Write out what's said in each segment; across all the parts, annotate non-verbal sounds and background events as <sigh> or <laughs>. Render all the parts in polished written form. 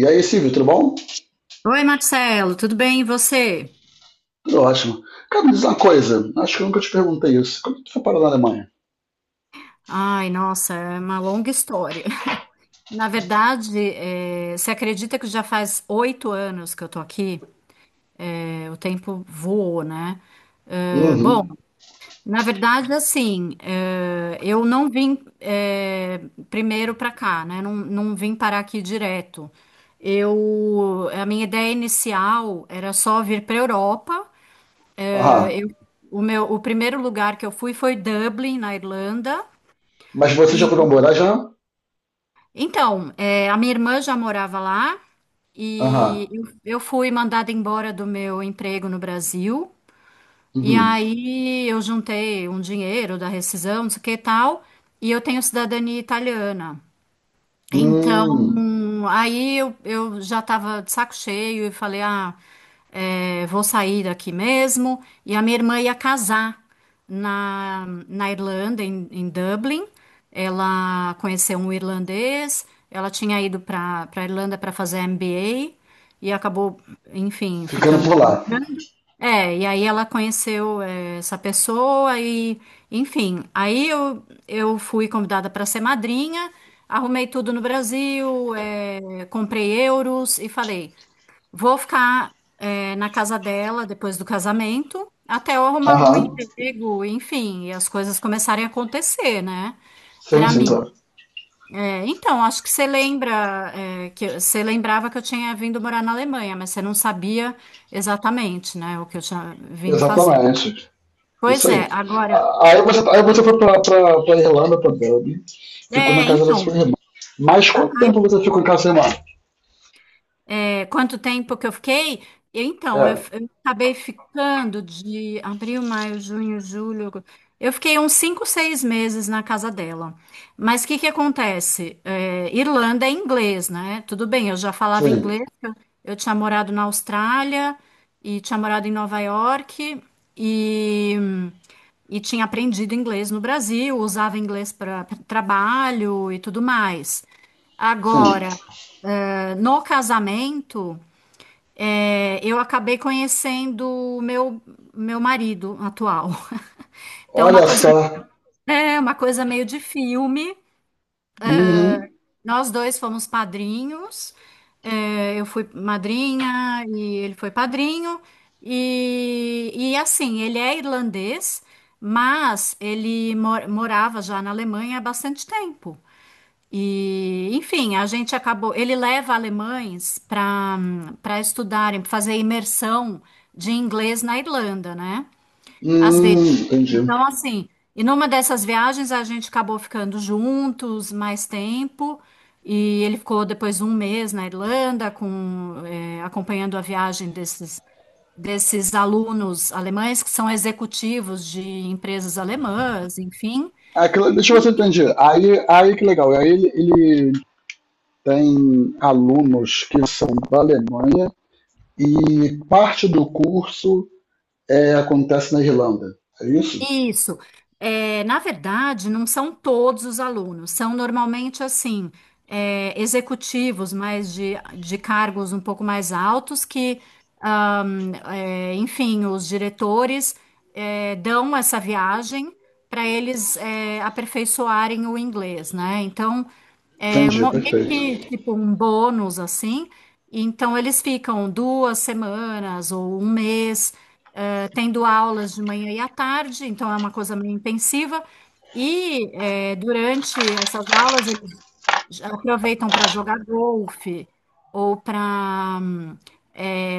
E aí, Silvio, tudo bom? Oi, Marcelo, tudo bem e você? Tudo ótimo. Cara, me diz uma coisa, acho que eu nunca te perguntei isso. Quando tu foi parar na Alemanha? Ai, nossa, é uma longa história. <laughs> Na verdade, você acredita que já faz 8 anos que eu tô aqui? O tempo voou, né? Bom, Uhum. na verdade, assim, eu não vim, primeiro para cá, né? Não vim parar aqui direto. Eu, a minha ideia inicial era só vir para Europa. Eh, Aham. eu o primeiro lugar que eu fui foi Dublin, na Irlanda. Mas você já E, foi pra morar já? então, é, a minha irmã já morava lá Aham. e eu fui mandada embora do meu emprego no Brasil. E Uhum. aí eu juntei um dinheiro da rescisão, não sei o que e tal, e eu tenho cidadania italiana. Então, Hum. aí eu já estava de saco cheio e falei, ah, é, vou sair daqui mesmo. E a minha irmã ia casar na Irlanda, em Dublin. Ela conheceu um irlandês, ela tinha ido para Irlanda para fazer MBA e acabou, enfim, Ficando por ficando. lá. É, e aí ela conheceu essa pessoa e, enfim, aí eu fui convidada para ser madrinha, arrumei tudo no Brasil, comprei euros e falei, vou ficar na casa dela depois do casamento, até eu arrumar algum Aham. emprego, enfim, e as coisas começarem a acontecer, né? Sim, Para sim, mim. claro. É, então, acho que você lembra, é, você lembrava que eu tinha vindo morar na Alemanha, mas você não sabia exatamente, né, o que eu tinha vindo fazer. Exatamente. Isso Pois é, aí. agora, Ah, Aí você, tá, aí você foi pra Irlanda, pra Dublin, ficou na é, casa da sua então, irmã. Mas a- quanto tempo você ficou em casa da sua irmã? É, quanto tempo que eu fiquei? Eu, Então, eu, É, f- eu acabei ficando de abril, maio, junho, julho. Eu fiquei uns 5, 6 meses na casa dela. Mas o que que acontece? É, Irlanda é inglês, né? Tudo bem, eu já falava sim, inglês. Eu tinha morado na Austrália e tinha morado em Nova York e, e tinha aprendido inglês no Brasil, usava inglês para trabalho e tudo mais. sim. Agora, no casamento. É, eu acabei conhecendo o meu marido atual. <laughs> Então, uma Olha coisa, só. é uma coisa meio de filme. Uhum. Nós dois fomos padrinhos. É, eu fui madrinha e ele foi padrinho. E assim, ele é irlandês, mas ele morava já na Alemanha há bastante tempo. E, enfim, a gente acabou. Ele leva alemães para estudarem, pra fazer imersão de inglês na Irlanda, né? Às Hum, vezes. entendi. Então, assim, e numa dessas viagens a gente acabou ficando juntos mais tempo. E ele ficou depois 1 mês na Irlanda, com, acompanhando a viagem desses, desses alunos alemães que são executivos de empresas alemãs, enfim. Aquilo, deixa eu ver se eu entendi. Aí que legal. Aí ele tem alunos que são da Alemanha e parte do curso é, acontece na Irlanda. É isso? Isso. É, na verdade, não são todos os alunos, são normalmente assim, é, executivos, mas de cargos um pouco mais altos que, é, enfim, os diretores, é, dão essa viagem para eles, é, aperfeiçoarem o inglês, né? Então, é Entendi, meio perfeito. que tipo um bônus assim. Então, eles ficam 2 semanas ou 1 mês tendo aulas de manhã e à tarde, então é uma coisa meio intensiva. E durante essas aulas eles já aproveitam para jogar golfe ou para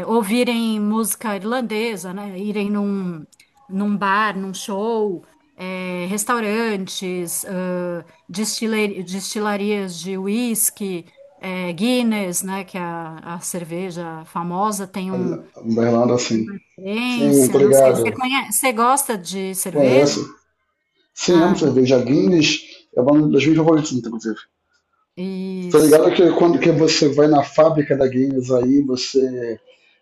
ouvirem música irlandesa, né? Irem num, num bar, num show, restaurantes, destilarias de whisky, Guinness, né? Que é a cerveja famosa tem um Da Irlanda, sim. Sim, tô Experiência, não sei. Você ligado. conhece, você gosta de Ué, é cerveja? essa. Sim, amo Ah, cerveja. Guinness é uma das minhas favoritas, inclusive. Tô ligado isso. que quando que você vai na fábrica da Guinness aí, você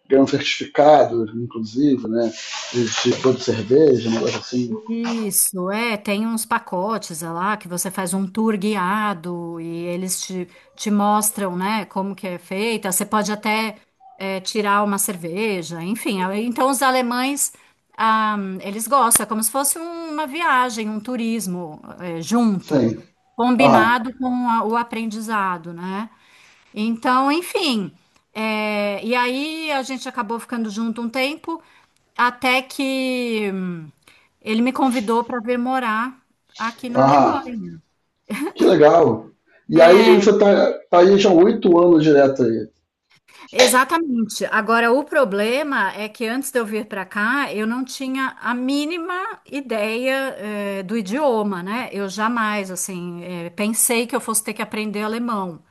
ganha um certificado, inclusive, né? De produto de cerveja, um negócio assim. Isso, é, tem uns pacotes é lá que você faz um tour guiado e eles te, te mostram, né, como que é feita. Você pode até é, tirar uma cerveja, enfim. Aí, então, os alemães, ah, eles gostam, é como se fosse uma viagem, um turismo é, junto, Sim. Aham. combinado com o aprendizado, né? Então, enfim. É, e aí a gente acabou ficando junto um tempo, até que ele me convidou para vir morar aqui na Aham. Alemanha. Que legal. E aí você tá, tá aí já 8 anos direto aí. Exatamente. Agora, o problema é que antes de eu vir para cá, eu não tinha a mínima ideia, do idioma, né? Eu jamais, assim, pensei que eu fosse ter que aprender alemão.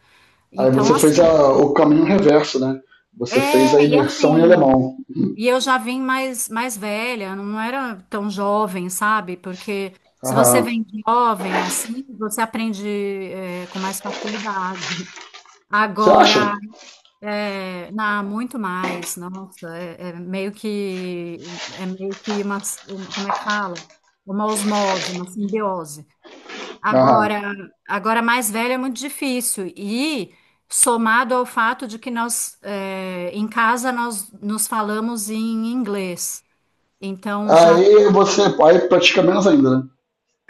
Aí Então, você fez assim, a- o caminho reverso, né? Você fez a é, e imersão em assim. alemão. E eu já vim mais velha, não era tão jovem, sabe? Porque se você Aham. vem jovem assim, você aprende é, com mais facilidade. Você acha? Agora, é, muito mais, nossa, é, é meio que uma, como é que fala? Uma osmose, uma simbiose. Aham. Agora, agora mais velha é muito difícil e somado ao fato de que nós, é, em casa, nós nos falamos em inglês. Então já Aí você aí pratica menos ainda, né?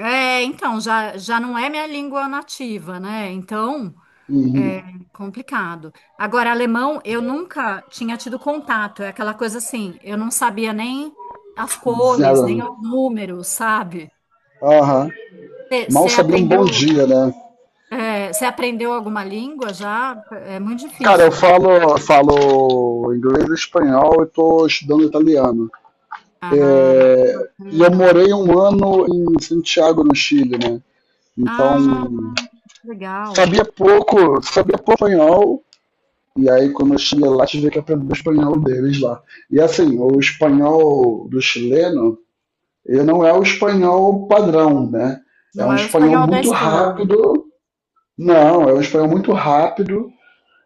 então já já não é minha língua nativa, né? Então, Uhum. complicado. Agora, alemão, eu nunca tinha tido contato, é aquela coisa assim, eu não sabia nem as cores, Zero. nem os números, sabe? Aham. Mal Você sabia um bom aprendeu, dia, né? você aprendeu alguma língua já? É muito Cara, eu difícil, não? falo, eu falo inglês e espanhol e tô estudando italiano. Ah, É, e eu bacana. morei 1 ano em Santiago, no Chile, né? Então, Ah, legal. sabia pouco espanhol, e aí quando eu cheguei lá, tive que aprender o espanhol deles lá. E assim, o espanhol do chileno, ele não é o espanhol padrão, né? É Não um é o espanhol espanhol da muito Espanha. rápido, não, é um espanhol muito rápido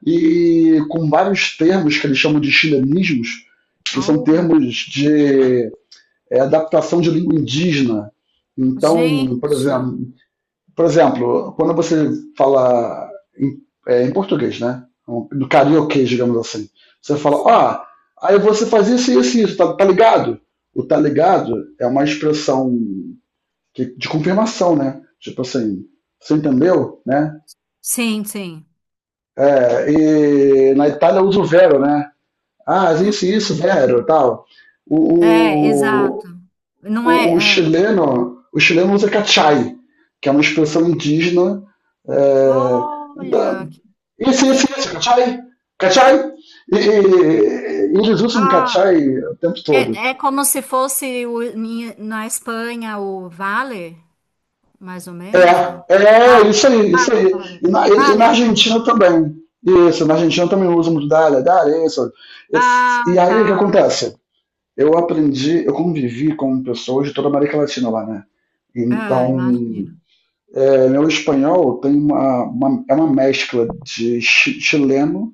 e com vários termos que eles chamam de chilenismos, que são Oh, termos de adaptação de língua indígena. Então, por gente. exemplo. Por exemplo, quando você fala em, em português, né? No carioquês, digamos assim. Você fala, ah, aí você faz isso, isso e isso, tá, tá ligado? O tá ligado é uma expressão de confirmação, né? Tipo assim, você entendeu, né? Sim, sim. É, e na Itália usa o vero, né? Ah, isso, vero, tal. É, O, exato. Não o, é, é. chileno, o chileno usa cachai, que é uma expressão indígena. É, Olha, então, Esse, que esse, inter... esse, cachai, cachai. E, eles usam Ah, cachai o tempo todo. é, é como se fosse na Espanha o Vale, mais ou menos, não? É, é isso Vale, aí, isso vale, aí. vale. E na, e na Vale, bingo. Argentina também. Isso, na Argentina também usam muito dália, dália, isso. E Ah, aí o que tá. acontece? Eu aprendi, eu convivi com pessoas de toda a América Latina lá, né? Ah, Então, imagino. é, meu espanhol tem uma, é uma mescla de chileno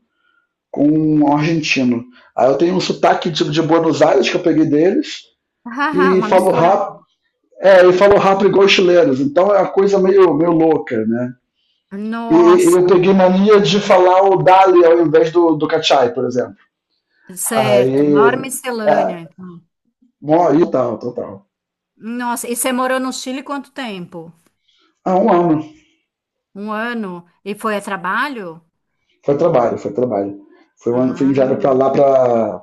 com um argentino. Aí eu tenho um sotaque tipo de Buenos Aires que eu peguei deles <laughs> Ah, e uma falo mistura. rápido. É, e falo rápido igual os chilenos, então é uma coisa meio, meio louca, né? E Nossa, eu peguei mania de falar o Dali ao invés do, do Cachai, por exemplo. certo. Aí. Maior É, miscelânea, então. bom, e tal, total. Nossa, e você morou no Chile quanto tempo? Ah, 1 ano. Um ano? E foi a trabalho? Foi trabalho, foi trabalho. Foi 1 ano, fui Ah, enviado pra lá pra.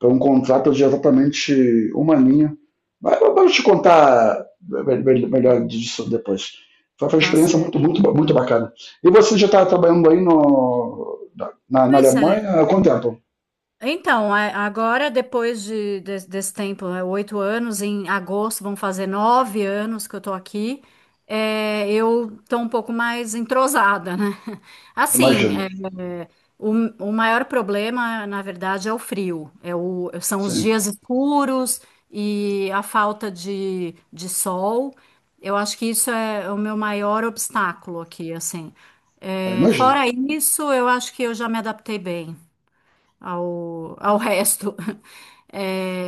Foi um contrato de exatamente uma linha. Mas vamos te contar é, melhor disso depois. Foi uma tá experiência muito, certo. muito, muito bacana. E você já está trabalhando aí no, na, na Pois é. Alemanha há quanto tempo? Então, é, agora, depois de, desse tempo, né, 8 anos, em agosto vão fazer 9 anos que eu tô aqui, é, eu tô um pouco mais entrosada, né? <laughs> Assim, Imagino. é, o, o maior problema, na verdade, é o frio. É são os Sim. dias escuros e a falta de sol. Eu acho que isso é o meu maior obstáculo aqui, assim. Ah, É, imagino. fora isso, eu acho que eu já me adaptei bem ao, ao resto. <laughs>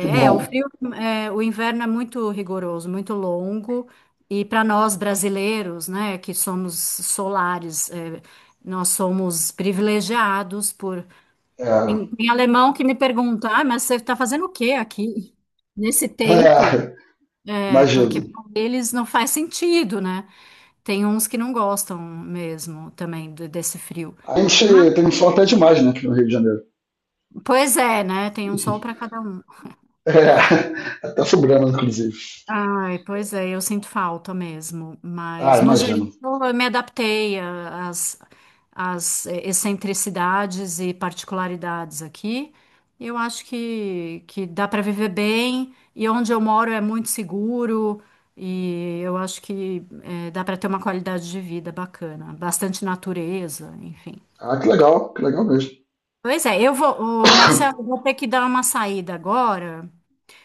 Que é, o bom. frio, é, o inverno é muito rigoroso, muito longo, e para nós brasileiros, né, que somos solares, é, nós somos privilegiados por. É, Tem, tem alemão que me pergunta, ah, mas você está fazendo o quê aqui? Nesse <laughs> tempo, é, porque imagino. para eles não faz sentido, né? Tem uns que não gostam mesmo também desse frio. A Mas, gente tem sol até demais, né, aqui no Rio de Janeiro. <laughs> pois é, né? Tem um sol para cada um. É, até sobrando, inclusive. Ai, pois é, eu sinto falta mesmo, Ah, mas no geral imagino. eu me adaptei às, às excentricidades e particularidades aqui. Eu acho que dá para viver bem e onde eu moro é muito seguro e eu acho que dá para ter uma qualidade de vida bacana, bastante natureza, enfim. Ah, que legal mesmo. Pois é, eu vou, ô, Marcelo, eu vou ter que dar uma saída agora.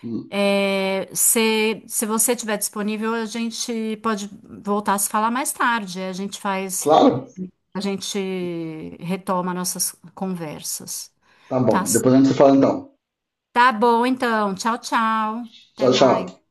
Hum. É, se você estiver disponível, a gente pode voltar a se falar mais tarde. A gente faz, Claro. a gente retoma nossas conversas. Tá Tá, bom. Depois a gente se fala então. tá bom, então. Tchau, tchau. Até Tchau, tchau. mais.